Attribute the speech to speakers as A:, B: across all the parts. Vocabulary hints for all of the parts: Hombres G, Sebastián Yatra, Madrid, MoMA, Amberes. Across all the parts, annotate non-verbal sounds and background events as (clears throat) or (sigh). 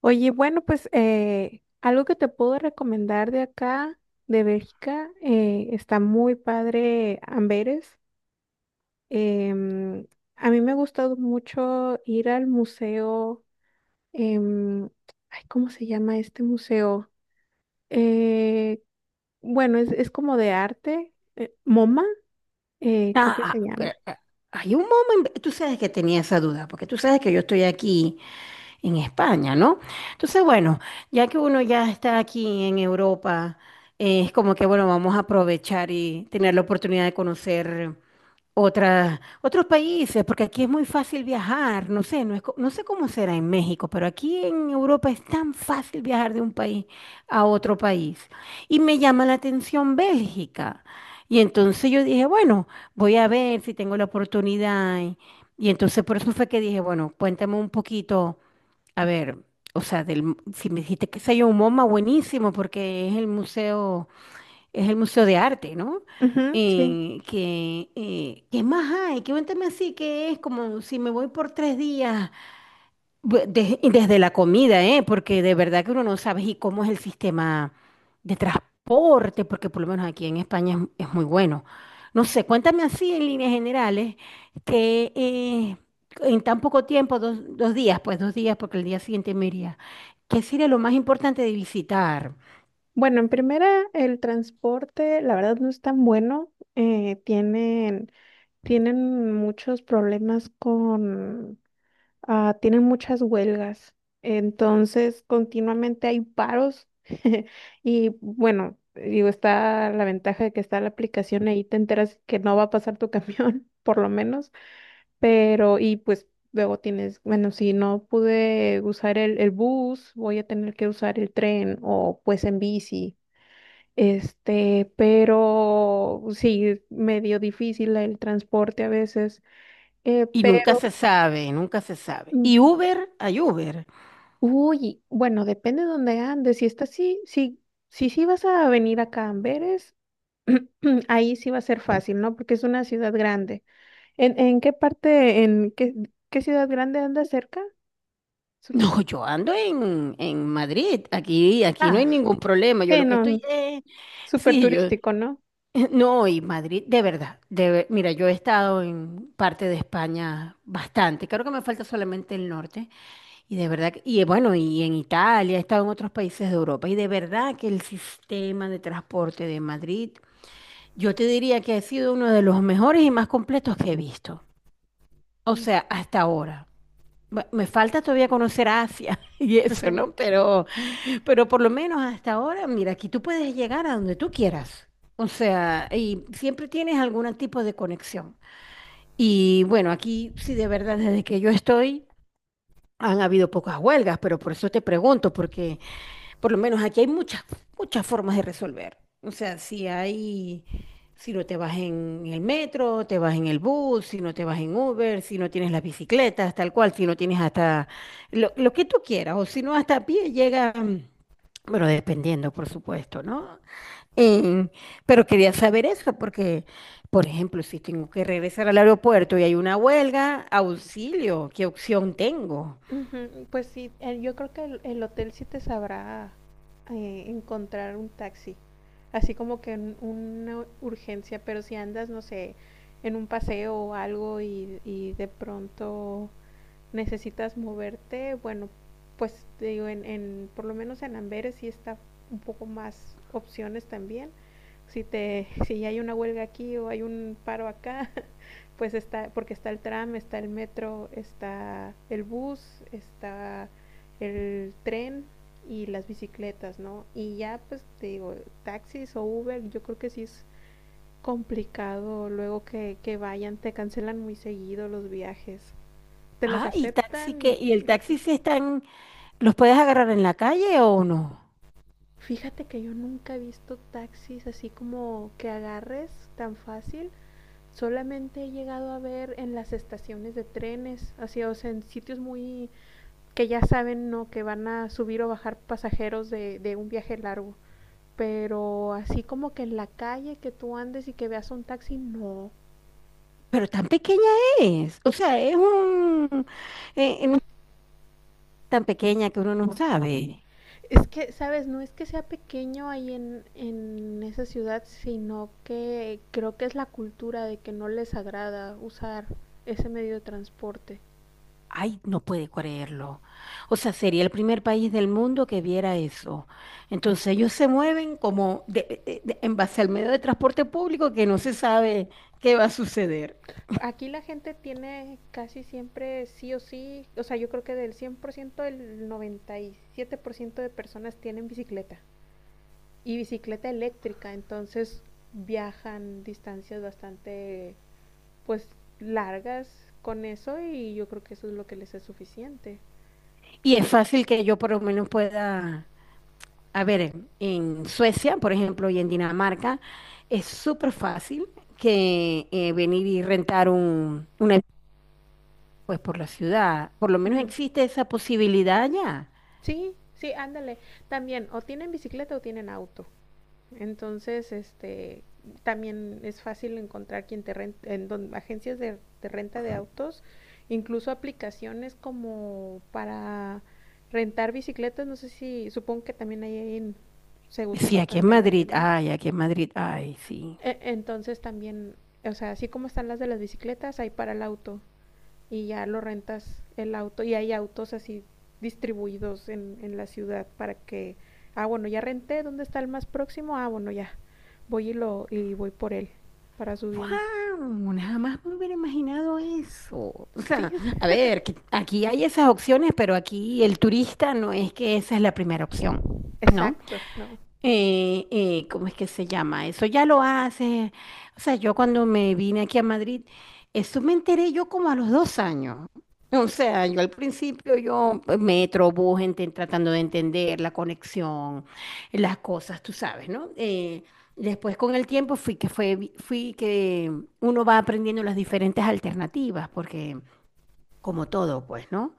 A: Oye, bueno, pues algo que te puedo recomendar de acá, de Bélgica, está muy padre Amberes. Em, a mí me ha gustado mucho ir al museo, em, ay, ¿cómo se llama este museo? Eh, bueno, es como de arte, MoMA, creo
B: Ah,
A: que se
B: ah,
A: llama.
B: pero, ah, hay un momento, tú sabes que tenía esa duda, porque tú sabes que yo estoy aquí en España, ¿no? Entonces, bueno, ya que uno ya está aquí en Europa, es como que, bueno, vamos a aprovechar y tener la oportunidad de conocer otra, otros países, porque aquí es muy fácil viajar, no sé, no sé cómo será en México, pero aquí en Europa es tan fácil viajar de un país a otro país. Y me llama la atención Bélgica. Y entonces yo dije, bueno, voy a ver si tengo la oportunidad. Y entonces por eso fue que dije, bueno, cuéntame un poquito, a ver, o sea, si me dijiste que se un MoMA, buenísimo, porque es el Museo de Arte, ¿no?
A: Ujú, sí.
B: ¿Qué más hay? Cuéntame así, que es como si me voy por 3 días, y desde la comida, ¿eh? Porque de verdad que uno no sabe y cómo es el sistema de transporte, porque por lo menos aquí en España es muy bueno. No sé, cuéntame así en líneas generales, que en tan poco tiempo, dos días, pues 2 días, porque el día siguiente me iría, ¿qué sería lo más importante de visitar?
A: Bueno, en primera, el transporte, la verdad no es tan bueno. Tienen muchos problemas con, tienen muchas huelgas, entonces continuamente hay paros (laughs) y bueno, digo, está la ventaja de que está la aplicación ahí, te enteras que no va a pasar tu camión, (laughs) por lo menos, pero y pues luego tienes, bueno, si no pude usar el bus, voy a tener que usar el tren o pues en bici. Este, pero sí, medio difícil el transporte a veces. Eh,
B: Y nunca
A: pero,
B: se sabe, nunca se sabe.
A: mm,
B: Y Uber, hay Uber. (laughs)
A: bueno, depende de dónde andes. Si estás, sí, sí, sí, sí vas a venir acá a Amberes, (clears throat) ahí sí va a ser fácil, ¿no? Porque es una ciudad grande. En qué parte, qué ciudad grande andas cerca? Su-
B: No, yo ando en Madrid, aquí, aquí no hay
A: Ah,
B: ningún problema. Yo
A: sí,
B: lo que
A: no,
B: estoy es,
A: súper
B: sí, yo,
A: turístico, ¿no?
B: (laughs) no, y Madrid, de verdad, mira, yo he estado en parte de España bastante, creo que me falta solamente el norte, y de verdad, bueno, y en Italia, he estado en otros países de Europa, y de verdad que el sistema de transporte de Madrid, yo te diría que ha sido uno de los mejores y más completos que he visto, o
A: Mm.
B: sea, hasta ahora. Me falta todavía conocer Asia (laughs) y eso, ¿no?
A: (laughs)
B: Pero por lo menos hasta ahora, mira, aquí tú puedes llegar a donde tú quieras. O sea, y siempre tienes algún tipo de conexión. Y bueno, aquí sí de verdad, desde que yo estoy, han habido pocas huelgas, pero por eso te pregunto, porque por lo menos aquí hay muchas formas de resolver. O sea, si no te vas en el metro, te vas en el bus, si no te vas en Uber, si no tienes las bicicletas, tal cual, si no tienes hasta lo que tú quieras, o si no hasta a pie llega, bueno, dependiendo, por supuesto, ¿no? Eh, pero quería saber eso, porque, por ejemplo, si tengo que regresar al aeropuerto y hay una huelga, auxilio, ¿qué opción tengo?
A: Ujú, pues sí, yo creo que el hotel sí te sabrá encontrar un taxi. Así como que en una urgencia, pero si andas, no sé, en un paseo o algo y de pronto necesitas moverte, bueno, pues te digo, por lo menos en Amberes sí está un poco más opciones también. Si, te, si hay una huelga aquí o hay un paro acá, pues está, porque está el tram, está el metro, está el bus, está el tren y las bicicletas, ¿no? Y ya, pues te digo, taxis o Uber, yo creo que sí es complicado luego que vayan, te cancelan muy seguido los viajes, te los
B: Ah, y taxi
A: aceptan
B: que, y el
A: y lo te...
B: taxi se está. ¿Los puedes agarrar en la calle o no?
A: Fíjate que yo nunca he visto taxis así como que agarres tan fácil. Solamente he llegado a ver en las estaciones de trenes, así, o sea, en sitios muy que ya saben ¿no? que van a subir o bajar pasajeros de un viaje largo. Pero así como que en la calle que tú andes y que veas un taxi, no.
B: Pero tan pequeña es. O sea, es un... no es (laughs) tan pequeña que uno no sabe.
A: Es que, ¿sabes? No es que sea pequeño ahí en esa ciudad, sino que creo que es la cultura de que no les agrada usar ese medio de transporte.
B: Ay, no puede creerlo. O sea, sería el primer país del mundo que viera eso. Entonces ellos se mueven como en base al medio de transporte público que no se sabe qué va a suceder.
A: Aquí la gente tiene casi siempre sí o sí, o sea, yo creo que del 100% el 97% de personas tienen bicicleta. Y bicicleta eléctrica, entonces viajan distancias bastante pues largas con eso y yo creo que eso es lo que les es suficiente.
B: Y es fácil que yo por lo menos pueda... A ver, en Suecia, por ejemplo, y en Dinamarca, es súper fácil que venir y rentar una pues por la ciudad. Por lo menos
A: Ujú.
B: existe esa posibilidad allá.
A: Sí, sí, ándale. También o tienen bicicleta o tienen auto. Entonces, este, también es fácil encontrar quien te ren- en don- agencias de renta de autos, incluso aplicaciones como para rentar bicicletas, no sé si, supongo que también ahí en- se usan
B: Sí, aquí en
A: bastante en Madrid,
B: Madrid,
A: ¿no?
B: ay, aquí en Madrid, ay, sí.
A: E- Entonces también, o sea, así como están las de las bicicletas, hay para el auto y ya lo rentas el auto y hay autos así distribuidos en la ciudad para que, ah, bueno, ya renté, ¿dónde está el más próximo? Ah, bueno, ya, voy y, lo, y voy por él para subirme.
B: ¡Wow! Jamás me hubiera imaginado eso. O sea,
A: Sí,
B: a
A: (laughs)
B: ver, que aquí hay esas opciones, pero aquí el turista no es que esa es la primera opción, ¿no?
A: exacto, ¿no?
B: ¿Cómo es que se llama? Eso ya lo hace. O sea, yo cuando me vine aquí a Madrid, eso me enteré yo como a los 2 años. O sea, yo al principio yo pues, metro, bus, tratando de entender la conexión, las cosas, tú sabes, ¿no? Después con el tiempo fui que uno va aprendiendo las diferentes alternativas, porque como todo, pues, ¿no?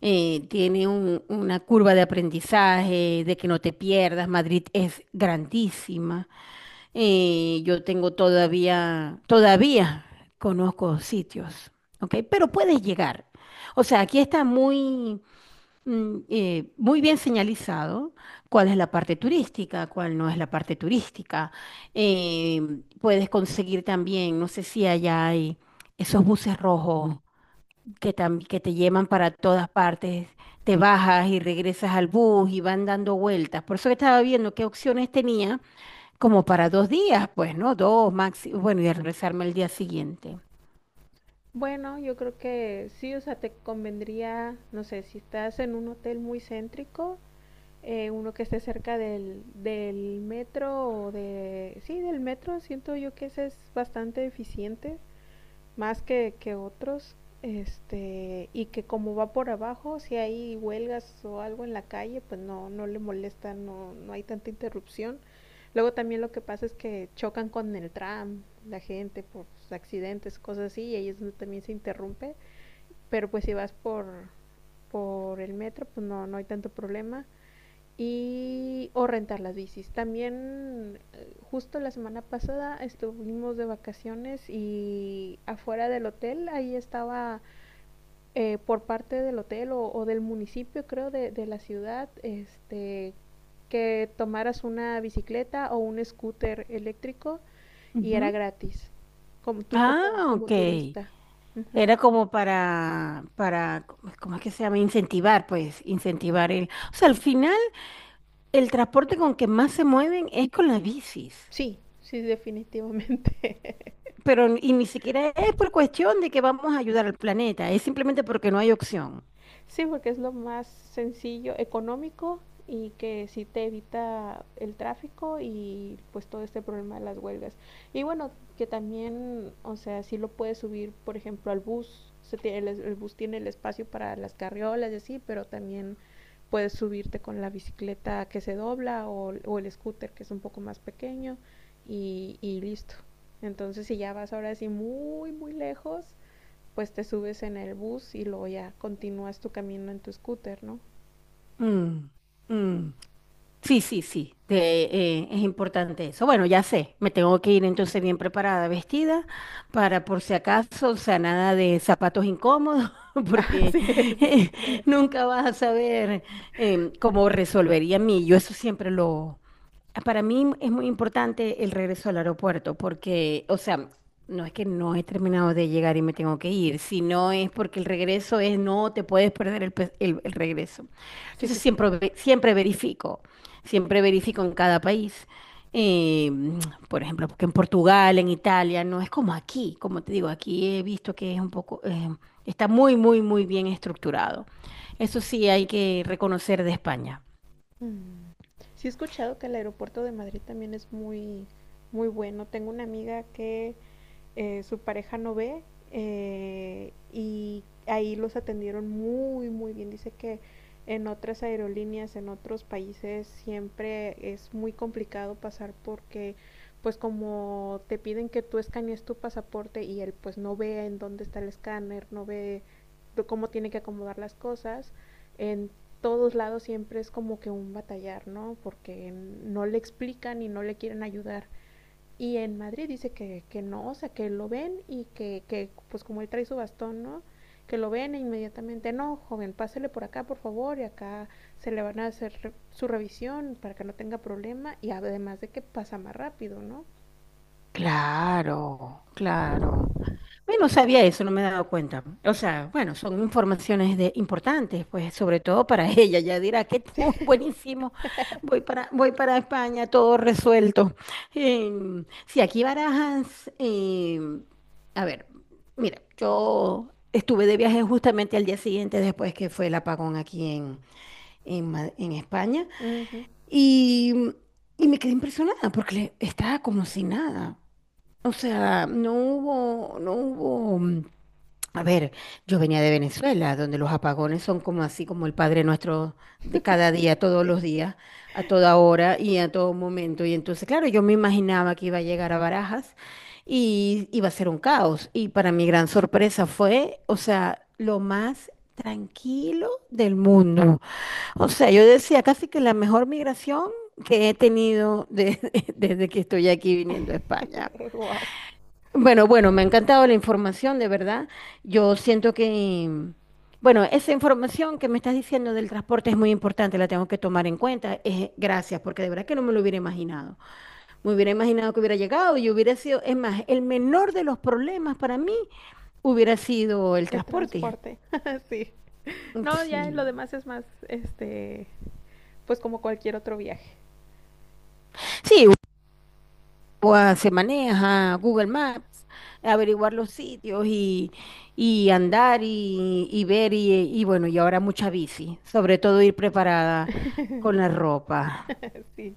B: tiene una curva de aprendizaje, de que no te pierdas. Madrid es grandísima. Yo tengo todavía conozco sitios, ¿ok? Pero puedes llegar. O sea, aquí está muy bien señalizado cuál es la parte turística, cuál no es la parte turística. Eh, puedes conseguir también, no sé si allá hay esos buses rojos que, que te llevan para todas partes, te bajas y regresas al bus y van dando vueltas. Por eso que estaba viendo qué opciones tenía como para 2 días, pues, ¿no? Dos máximo, bueno, y de regresarme el día siguiente.
A: Bueno, yo creo que sí, o sea, te convendría, no sé, si estás en un hotel muy céntrico, uno que esté cerca del metro o de... Sí, del metro, siento yo que ese es bastante eficiente, más que otros. Este, y que como va por abajo, si hay huelgas o algo en la calle, pues no, no le molesta, no, no hay tanta interrupción. Luego también lo que pasa es que chocan con el tram, la gente por accidentes, cosas así, y ahí es donde también se interrumpe. Pero pues si vas por el metro, pues no, no hay tanto problema y o rentar las bicis. También justo la semana pasada estuvimos de vacaciones y afuera del hotel, ahí estaba por parte del hotel o del municipio creo de la ciudad, este que tomaras una bicicleta o un scooter eléctrico y era
B: Ujú.
A: gratis, como tú como,
B: Ah,
A: como
B: ok.
A: turista. Ujú.
B: Era como para, ¿cómo es que se llama? Incentivar, pues, incentivar el. O sea, al final, el transporte con que más se mueven es con las bicis.
A: Sí, sí, definitivamente. (laughs)
B: Pero, y ni siquiera es por cuestión de que vamos a ayudar al planeta, es simplemente porque no hay opción.
A: Sí, porque es lo más sencillo, económico y que sí te evita el tráfico y pues todo este problema de las huelgas. Y bueno, que también, o sea, sí lo puedes subir, por ejemplo, al bus. Se tiene, el, es- el bus tiene el espacio para las carriolas y así, pero también puedes subirte con la bicicleta que se dobla o el scooter que es un poco más pequeño y listo. Entonces, si ya vas ahora sí muy, muy lejos, pues te subes en el bus y luego ya continúas tu camino en tu scooter, ¿no?
B: Mm, mm. Sí, sí, sí, es importante eso. Bueno, ya sé, me tengo que ir entonces bien preparada, vestida, para por si acaso, o sea, nada de zapatos incómodos, (laughs)
A: (laughs)
B: porque
A: Así es.
B: eh,
A: (laughs)
B: nunca vas a saber cómo resolvería mí. Yo eso siempre lo, para mí es muy importante el regreso al aeropuerto porque, o sea, no es que no he terminado de llegar y me tengo que ir, sino es porque el regreso es no te puedes perder el regreso. Entonces
A: Sí.
B: siempre verifico en cada país. Eh, (tsk) por ejemplo, porque en Portugal, en Italia, no es como aquí, como te digo, aquí he visto que es un poco, está muy bien estructurado. Eso sí hay que reconocer de España.
A: Mm. Sí he escuchado que el aeropuerto de Madrid también es muy, muy bueno. Tengo una amiga que su pareja no ve y ahí los atendieron muy, muy bien. Dice que en otras aerolíneas, en otros países, siempre es muy complicado pasar porque pues como te piden que tú escanees tu pasaporte y él pues no ve en dónde está el escáner, no ve cómo tiene que acomodar las cosas, en todos lados siempre es como que un batallar, ¿no? Porque no le explican y no le quieren ayudar. Y en Madrid dice que no, o sea, que lo ven y que, pues como él trae su bastón, ¿no? Que lo ven e inmediatamente, no, joven, pásele por acá, por favor, y acá se le van a hacer re su revisión para que no tenga problema y además de que pasa más rápido, ¿no?
B: Claro, claro. Yo no sabía eso, no me he dado cuenta. O sea, bueno, son informaciones importantes, pues, sobre todo para (laughs) ella. Ya dirá que tú, (laughs) buenísimo, voy para España, todo resuelto. Sí, aquí Barajas, a ver, mira, yo estuve de viaje justamente al día siguiente después que fue el apagón aquí en España
A: Uh -huh.
B: y, y me quedé impresionada porque estaba como si nada. O sea, no hubo, a ver, yo venía de Venezuela, donde los apagones son como así como el Padre Nuestro de cada día, todos
A: Sí,
B: los días, a toda hora y a todo momento. Y entonces, claro, yo me imaginaba que iba a llegar a Barajas y iba a ser un caos. Y para mi gran sorpresa fue, o sea, lo más tranquilo del mundo. O sea, yo decía casi que la mejor migración que he tenido (laughs) desde que estoy aquí viniendo a España.
A: (laughs) wow.
B: Bueno, bueno, me ha encantado la información, de verdad. Yo siento que, bueno, esa información que me estás diciendo del transporte es muy importante, la tengo que tomar en cuenta. Gracias, porque de verdad que no me lo hubiera imaginado. Me hubiera imaginado que hubiera llegado y hubiera sido, es más, el menor de los problemas para mí hubiera sido el
A: El
B: transporte.
A: transporte, (laughs) sí. No, ya lo
B: Sí.
A: demás es más, este, pues como cualquier otro viaje.
B: Sí, pues, se maneja, Google Maps, averiguar los sitios y andar y ver y bueno, y ahora mucha bici, sobre todo ir preparada con la
A: (laughs)
B: ropa.
A: Sí.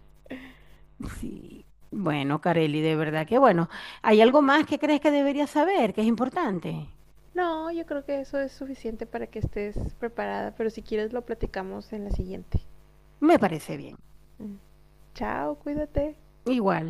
B: Sí. Bueno, Careli, de verdad que bueno, ¿hay algo más que crees que debería saber, que es importante?
A: No, yo creo que eso es suficiente para que estés preparada, pero si quieres lo platicamos en la siguiente.
B: Me parece bien.
A: Mm. Chao, cuídate.
B: Igual.